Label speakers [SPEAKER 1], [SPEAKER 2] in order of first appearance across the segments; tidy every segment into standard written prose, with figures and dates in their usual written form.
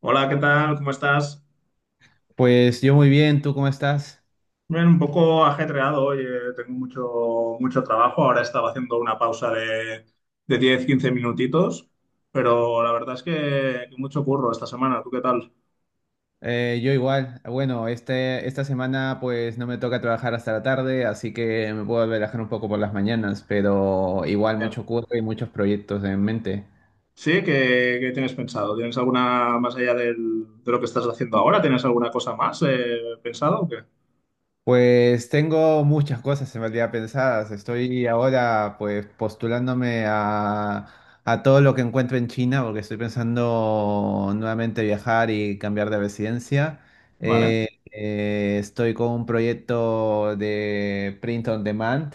[SPEAKER 1] Hola, ¿qué tal? ¿Cómo estás?
[SPEAKER 2] Pues yo muy bien, ¿tú cómo estás?
[SPEAKER 1] Bien, un poco ajetreado hoy, tengo mucho trabajo. Ahora estaba haciendo una pausa de diez, quince minutitos, pero la verdad es que mucho curro esta semana. ¿Tú qué tal?
[SPEAKER 2] Yo igual. Bueno, esta semana pues no me toca trabajar hasta la tarde, así que me puedo relajar un poco por las mañanas, pero igual
[SPEAKER 1] Bien.
[SPEAKER 2] mucho curro y muchos proyectos en mente.
[SPEAKER 1] Sí, ¿qué tienes pensado? ¿Tienes alguna más allá de lo que estás haciendo ahora? ¿Tienes alguna cosa más pensado o qué?
[SPEAKER 2] Pues tengo muchas cosas en realidad pensadas. Estoy ahora pues postulándome a todo lo que encuentro en China porque estoy pensando nuevamente viajar y cambiar de residencia.
[SPEAKER 1] Vale,
[SPEAKER 2] Estoy con un proyecto de print on demand,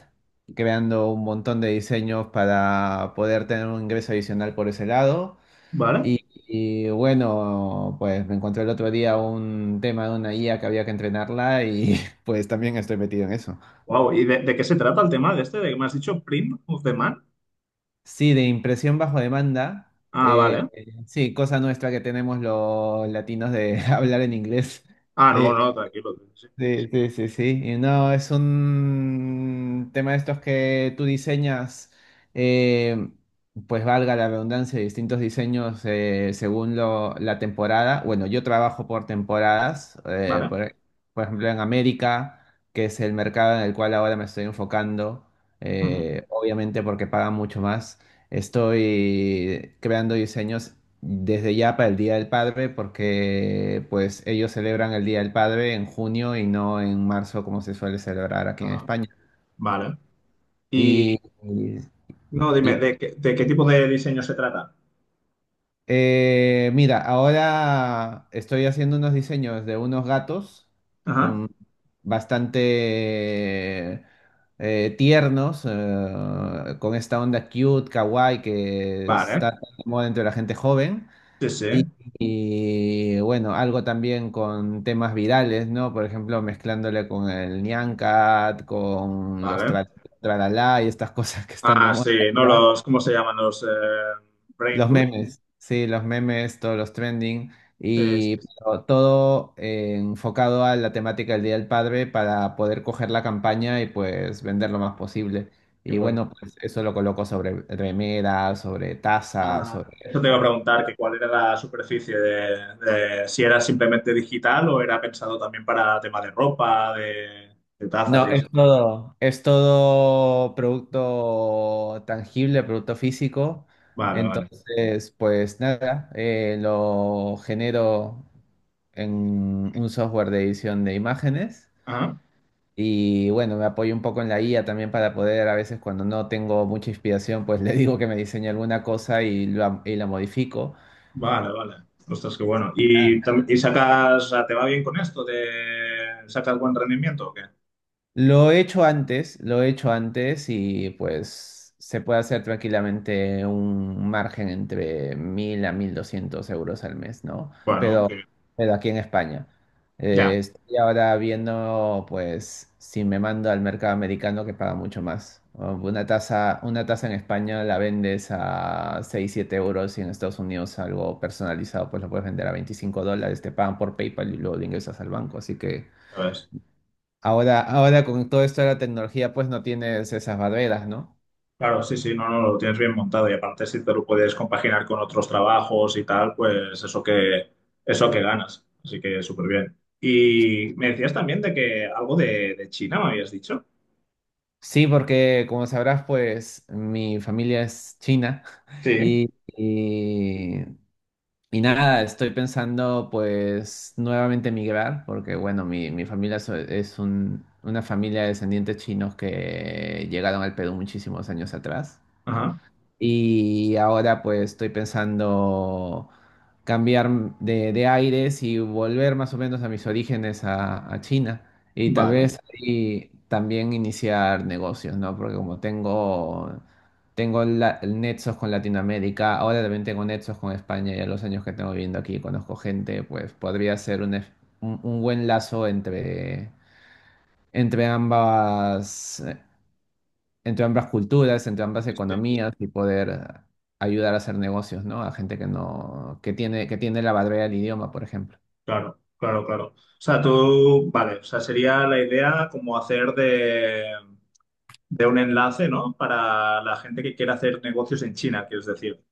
[SPEAKER 2] creando un montón de diseños para poder tener un ingreso adicional por ese lado.
[SPEAKER 1] vale.
[SPEAKER 2] Bueno, pues me encontré el otro día un tema de una IA que había que entrenarla y pues también estoy metido en eso.
[SPEAKER 1] Wow, ¿y de qué se trata el tema de este? ¿De que me has dicho Print of the Man?
[SPEAKER 2] Sí, de impresión bajo demanda.
[SPEAKER 1] Ah,
[SPEAKER 2] eh,
[SPEAKER 1] vale.
[SPEAKER 2] sí, cosa nuestra que tenemos los latinos de hablar en inglés.
[SPEAKER 1] Ah, no,
[SPEAKER 2] Eh,
[SPEAKER 1] no, tranquilo. Sí.
[SPEAKER 2] Sí, sí, sí, sí. Y no, es un tema de estos que tú diseñas, eh, pues valga la redundancia, distintos diseños según la temporada. Bueno, yo trabajo por temporadas,
[SPEAKER 1] Vale.
[SPEAKER 2] por ejemplo en América, que es el mercado en el cual ahora me estoy enfocando,
[SPEAKER 1] Ujú.
[SPEAKER 2] obviamente porque pagan mucho más. Estoy creando diseños desde ya para el Día del Padre porque pues ellos celebran el Día del Padre en junio y no en marzo como se suele celebrar aquí en
[SPEAKER 1] Ah,
[SPEAKER 2] España.
[SPEAKER 1] vale. Y
[SPEAKER 2] Y, y-
[SPEAKER 1] no, dime, ¿de qué tipo de diseño se trata?
[SPEAKER 2] Mira, ahora estoy haciendo unos diseños de unos gatos
[SPEAKER 1] Ajá.
[SPEAKER 2] um, bastante tiernos con esta onda cute, kawaii que
[SPEAKER 1] Vale,
[SPEAKER 2] está tan de moda entre la gente joven.
[SPEAKER 1] sí, sí,
[SPEAKER 2] Y, bueno, algo también con temas virales, ¿no? Por ejemplo, mezclándole con el Nyan Cat, con los
[SPEAKER 1] vale.
[SPEAKER 2] tralalá y estas cosas que están de
[SPEAKER 1] Ah,
[SPEAKER 2] moda.
[SPEAKER 1] sí, no
[SPEAKER 2] ¿Ya?
[SPEAKER 1] los, ¿cómo se llaman los Brain
[SPEAKER 2] Los
[SPEAKER 1] Root?
[SPEAKER 2] memes, sí, los memes, todos los trending.
[SPEAKER 1] Sí, sí,
[SPEAKER 2] Y
[SPEAKER 1] sí,
[SPEAKER 2] pero todo enfocado a la temática del Día del Padre para poder coger la campaña y pues vender lo más posible.
[SPEAKER 1] qué
[SPEAKER 2] Y
[SPEAKER 1] bueno.
[SPEAKER 2] bueno, pues eso lo coloco sobre remeras, sobre tazas,
[SPEAKER 1] Ah,
[SPEAKER 2] sobre…
[SPEAKER 1] eso te iba a preguntar, que cuál era la superficie de, si era simplemente digital o era pensado también para tema de ropa, de tazas y
[SPEAKER 2] No,
[SPEAKER 1] eso.
[SPEAKER 2] es todo producto tangible, producto físico.
[SPEAKER 1] Vale, vale.
[SPEAKER 2] Entonces, pues nada, lo genero en un software de edición de imágenes.
[SPEAKER 1] Ajá.
[SPEAKER 2] Y bueno, me apoyo un poco en la IA también para poder, a veces cuando no tengo mucha inspiración, pues le digo que me diseñe alguna cosa y lo y la modifico.
[SPEAKER 1] Vale, vale. Ostras, qué bueno. ¿Y, y sacas, o sea, te va bien con esto? ¿Te sacas buen rendimiento o qué?
[SPEAKER 2] Lo he hecho antes, lo he hecho antes y pues se puede hacer tranquilamente un margen entre 1000 a 1200 euros al mes, ¿no?
[SPEAKER 1] Bueno,
[SPEAKER 2] Pero,
[SPEAKER 1] que
[SPEAKER 2] pero aquí en España.
[SPEAKER 1] ya.
[SPEAKER 2] Estoy ahora viendo pues si me mando al mercado americano que paga mucho más. O Una tasa en España la vendes a 6 7 euros y en Estados Unidos algo personalizado pues lo puedes vender a 25 dólares, te pagan por PayPal y luego lo ingresas al banco, así que…
[SPEAKER 1] Ya ves.
[SPEAKER 2] Ahora con todo esto de la tecnología, pues no tienes esas barreras, ¿no?
[SPEAKER 1] Claro, sí, sí, no, no, lo tienes bien montado y aparte si te lo puedes compaginar con otros trabajos y tal, pues eso que ganas. Así que súper bien. Y me decías también de que algo de China me habías dicho.
[SPEAKER 2] Sí, porque como sabrás, pues mi familia es china
[SPEAKER 1] Sí.
[SPEAKER 2] y, y, y nada, estoy pensando pues nuevamente migrar, porque bueno, mi familia una familia de descendientes chinos que llegaron al Perú muchísimos años atrás.
[SPEAKER 1] Ajá,
[SPEAKER 2] Y ahora pues estoy pensando cambiar de aires y volver más o menos a mis orígenes a China. Y tal
[SPEAKER 1] vale.
[SPEAKER 2] vez ahí también iniciar negocios, ¿no? Porque como tengo nexos con Latinoamérica, ahora también tengo nexos con España, ya los años que tengo viviendo aquí, conozco gente, pues podría ser un buen lazo entre, entre ambas entre ambas culturas, entre ambas
[SPEAKER 1] Este,
[SPEAKER 2] economías y poder ayudar a hacer negocios, ¿no? A gente que no, que tiene la barrera del idioma, por ejemplo.
[SPEAKER 1] claro, claro, claro. O sea, tú, vale, o sea, sería la idea como hacer de un enlace, ¿no? Para la gente que quiera hacer negocios en China, quieres decir.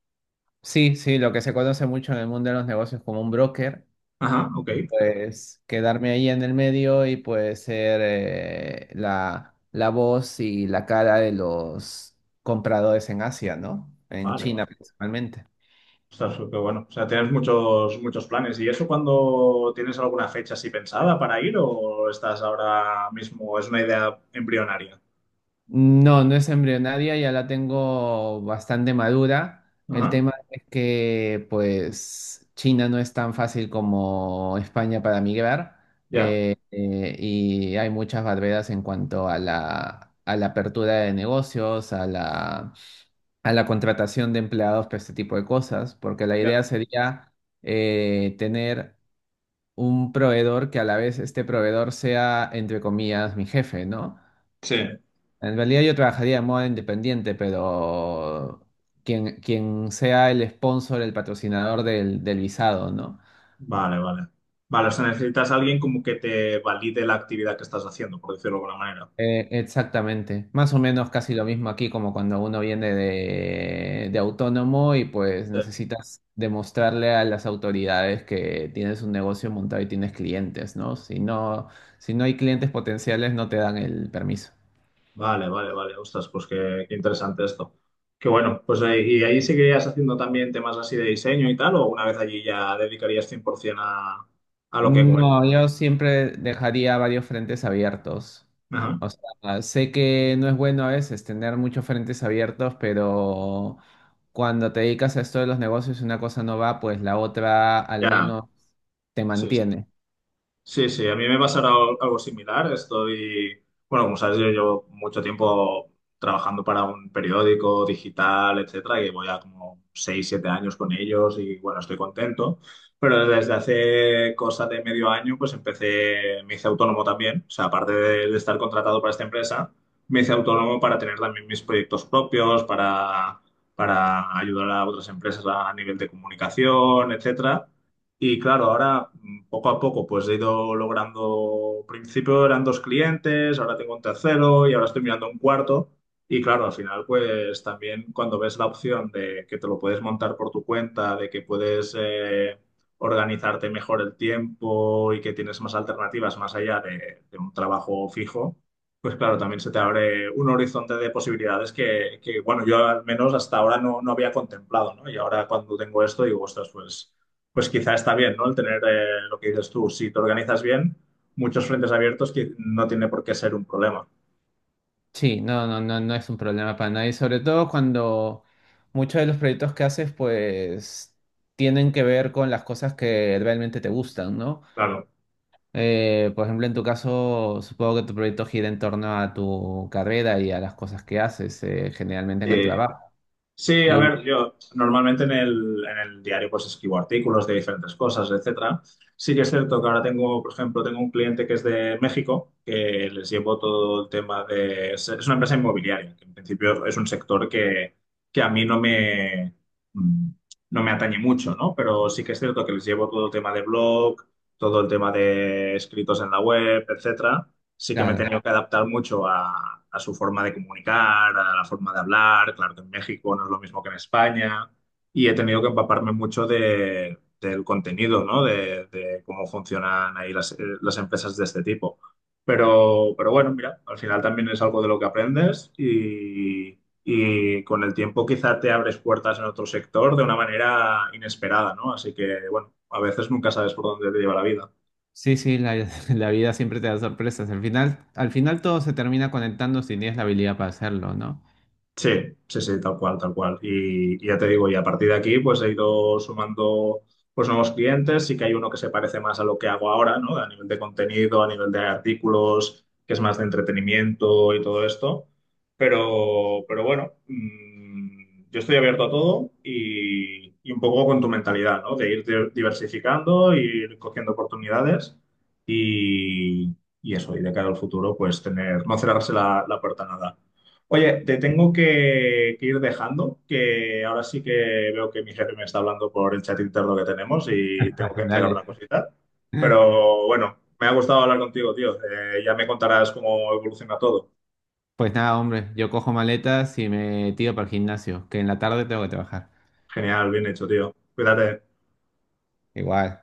[SPEAKER 2] Sí, sí, lo que se conoce mucho en el mundo de los negocios como un broker,
[SPEAKER 1] Ajá, ok.
[SPEAKER 2] pues quedarme ahí en el medio y pues ser la voz y la cara de los compradores en Asia, ¿no? En
[SPEAKER 1] Vale, vale.
[SPEAKER 2] China principalmente.
[SPEAKER 1] Ostras, pero bueno, o sea, tienes muchos, muchos planes. ¿Y eso cuando tienes alguna fecha así pensada para ir o estás ahora mismo? Es una idea embrionaria.
[SPEAKER 2] No, no es embrionaria, ya la tengo bastante madura. El
[SPEAKER 1] Ajá,
[SPEAKER 2] tema es que, pues, China no es tan fácil como España para migrar
[SPEAKER 1] ya,
[SPEAKER 2] y hay muchas barreras en cuanto a a la apertura de negocios, a a la contratación de empleados para este tipo de cosas, porque la
[SPEAKER 1] ya.
[SPEAKER 2] idea sería tener un proveedor que a la vez este proveedor sea, entre comillas, mi jefe, ¿no?
[SPEAKER 1] Sí,
[SPEAKER 2] En realidad yo trabajaría de modo independiente, pero quien sea el sponsor, el patrocinador del visado, ¿no?
[SPEAKER 1] vale, vale. Vale, o sea, necesitas a alguien como que te valide la actividad que estás haciendo, por decirlo de alguna manera.
[SPEAKER 2] Exactamente. Más o
[SPEAKER 1] Vale,
[SPEAKER 2] menos casi lo mismo aquí como cuando uno viene de autónomo y pues
[SPEAKER 1] sí,
[SPEAKER 2] necesitas demostrarle a las autoridades que tienes un negocio montado y tienes clientes, ¿no? Si no, si no hay clientes potenciales, no te dan el permiso.
[SPEAKER 1] vale, vale, vale. Ostras, pues qué interesante esto. Qué bueno, pues ¿y ahí seguirías haciendo también temas así de diseño y tal? ¿O una vez allí ya dedicarías 100% a lo que
[SPEAKER 2] No,
[SPEAKER 1] comentas?
[SPEAKER 2] yo siempre dejaría varios frentes abiertos.
[SPEAKER 1] Ajá.
[SPEAKER 2] O sea, sé que no es bueno a veces tener muchos frentes abiertos, pero cuando te dedicas a esto de los negocios y una cosa no va, pues la otra al
[SPEAKER 1] Ya,
[SPEAKER 2] menos te
[SPEAKER 1] sí,
[SPEAKER 2] mantiene.
[SPEAKER 1] sí, sí, a mí me pasará algo similar. Estoy, bueno, como sabes, yo llevo mucho tiempo trabajando para un periódico digital, etcétera, y voy a como 6, 7 años con ellos y bueno, estoy contento. Pero desde hace cosa de medio año, pues empecé, me hice autónomo también. O sea, aparte de estar contratado para esta empresa, me hice autónomo para tener también mis proyectos propios, para ayudar a otras empresas a nivel de comunicación, etcétera. Y claro, ahora poco a poco pues he ido logrando, al principio eran dos clientes, ahora tengo un tercero y ahora estoy mirando un cuarto. Y claro, al final pues también cuando ves la opción de que te lo puedes montar por tu cuenta, de que puedes organizarte mejor el tiempo y que tienes más alternativas más allá de un trabajo fijo, pues claro, también se te abre un horizonte de posibilidades que, bueno, yo al menos hasta ahora no, no había contemplado, ¿no? Y ahora cuando tengo esto digo, ostras, pues quizá está bien, ¿no? El tener lo que dices tú, si te organizas bien, muchos frentes abiertos que no tiene por qué ser un problema.
[SPEAKER 2] Sí, no, no, no, no es un problema para nadie, sobre todo cuando muchos de los proyectos que haces, pues tienen que ver con las cosas que realmente te gustan, ¿no?
[SPEAKER 1] Claro.
[SPEAKER 2] Por ejemplo, en tu caso, supongo que tu proyecto gira en torno a tu carrera y a las cosas que haces, generalmente
[SPEAKER 1] Mm.
[SPEAKER 2] en el
[SPEAKER 1] Eh,
[SPEAKER 2] trabajo.
[SPEAKER 1] Sí, a
[SPEAKER 2] Y
[SPEAKER 1] ver, yo normalmente en el diario pues escribo artículos de diferentes cosas, etcétera. Sí que es cierto que ahora tengo, por ejemplo, tengo un cliente que es de México, que les llevo todo el tema de... Es una empresa inmobiliaria, que en principio es un sector que a mí no me, mm, no me atañe mucho, ¿no? Pero sí que es cierto que les llevo todo el tema de blog, todo el tema de escritos en la web, etcétera, sí que me he
[SPEAKER 2] claro,
[SPEAKER 1] tenido que adaptar mucho a su forma de comunicar, a la forma de hablar. Claro que en México no es lo mismo que en España. Y he tenido que empaparme mucho del contenido, ¿no? De cómo funcionan ahí las empresas de este tipo. Pero bueno, mira, al final también es algo de lo que aprendes y con el tiempo quizá te abres puertas en otro sector de una manera inesperada, ¿no? Así que, bueno, a veces nunca sabes por dónde te lleva la vida.
[SPEAKER 2] sí, sí, la vida siempre te da sorpresas. Al final todo se termina conectando si tienes la habilidad para hacerlo, ¿no?
[SPEAKER 1] Sí, sí, sí, tal cual, tal cual. Y ya te digo, y a partir de aquí, pues he ido sumando pues, nuevos clientes. Sí que hay uno que se parece más a lo que hago ahora, ¿no? A nivel de contenido, a nivel de artículos, que es más de entretenimiento y todo esto. Pero bueno, yo estoy abierto a todo y un poco con tu mentalidad, ¿no? De ir diversificando, ir cogiendo oportunidades y, y eso, y de cara al futuro, pues tener, no cerrarse la puerta a nada. Oye, te tengo que ir dejando, que ahora sí que veo que mi jefe me está hablando por el chat interno que tenemos y tengo que entregar una
[SPEAKER 2] Dale.
[SPEAKER 1] cosita. Pero bueno, me ha gustado hablar contigo, tío. Ya me contarás cómo evoluciona todo.
[SPEAKER 2] Pues nada, hombre, yo cojo maletas y me tiro para el gimnasio, que en la tarde tengo que trabajar.
[SPEAKER 1] Genial, bien hecho, tío. Cuídate.
[SPEAKER 2] Igual.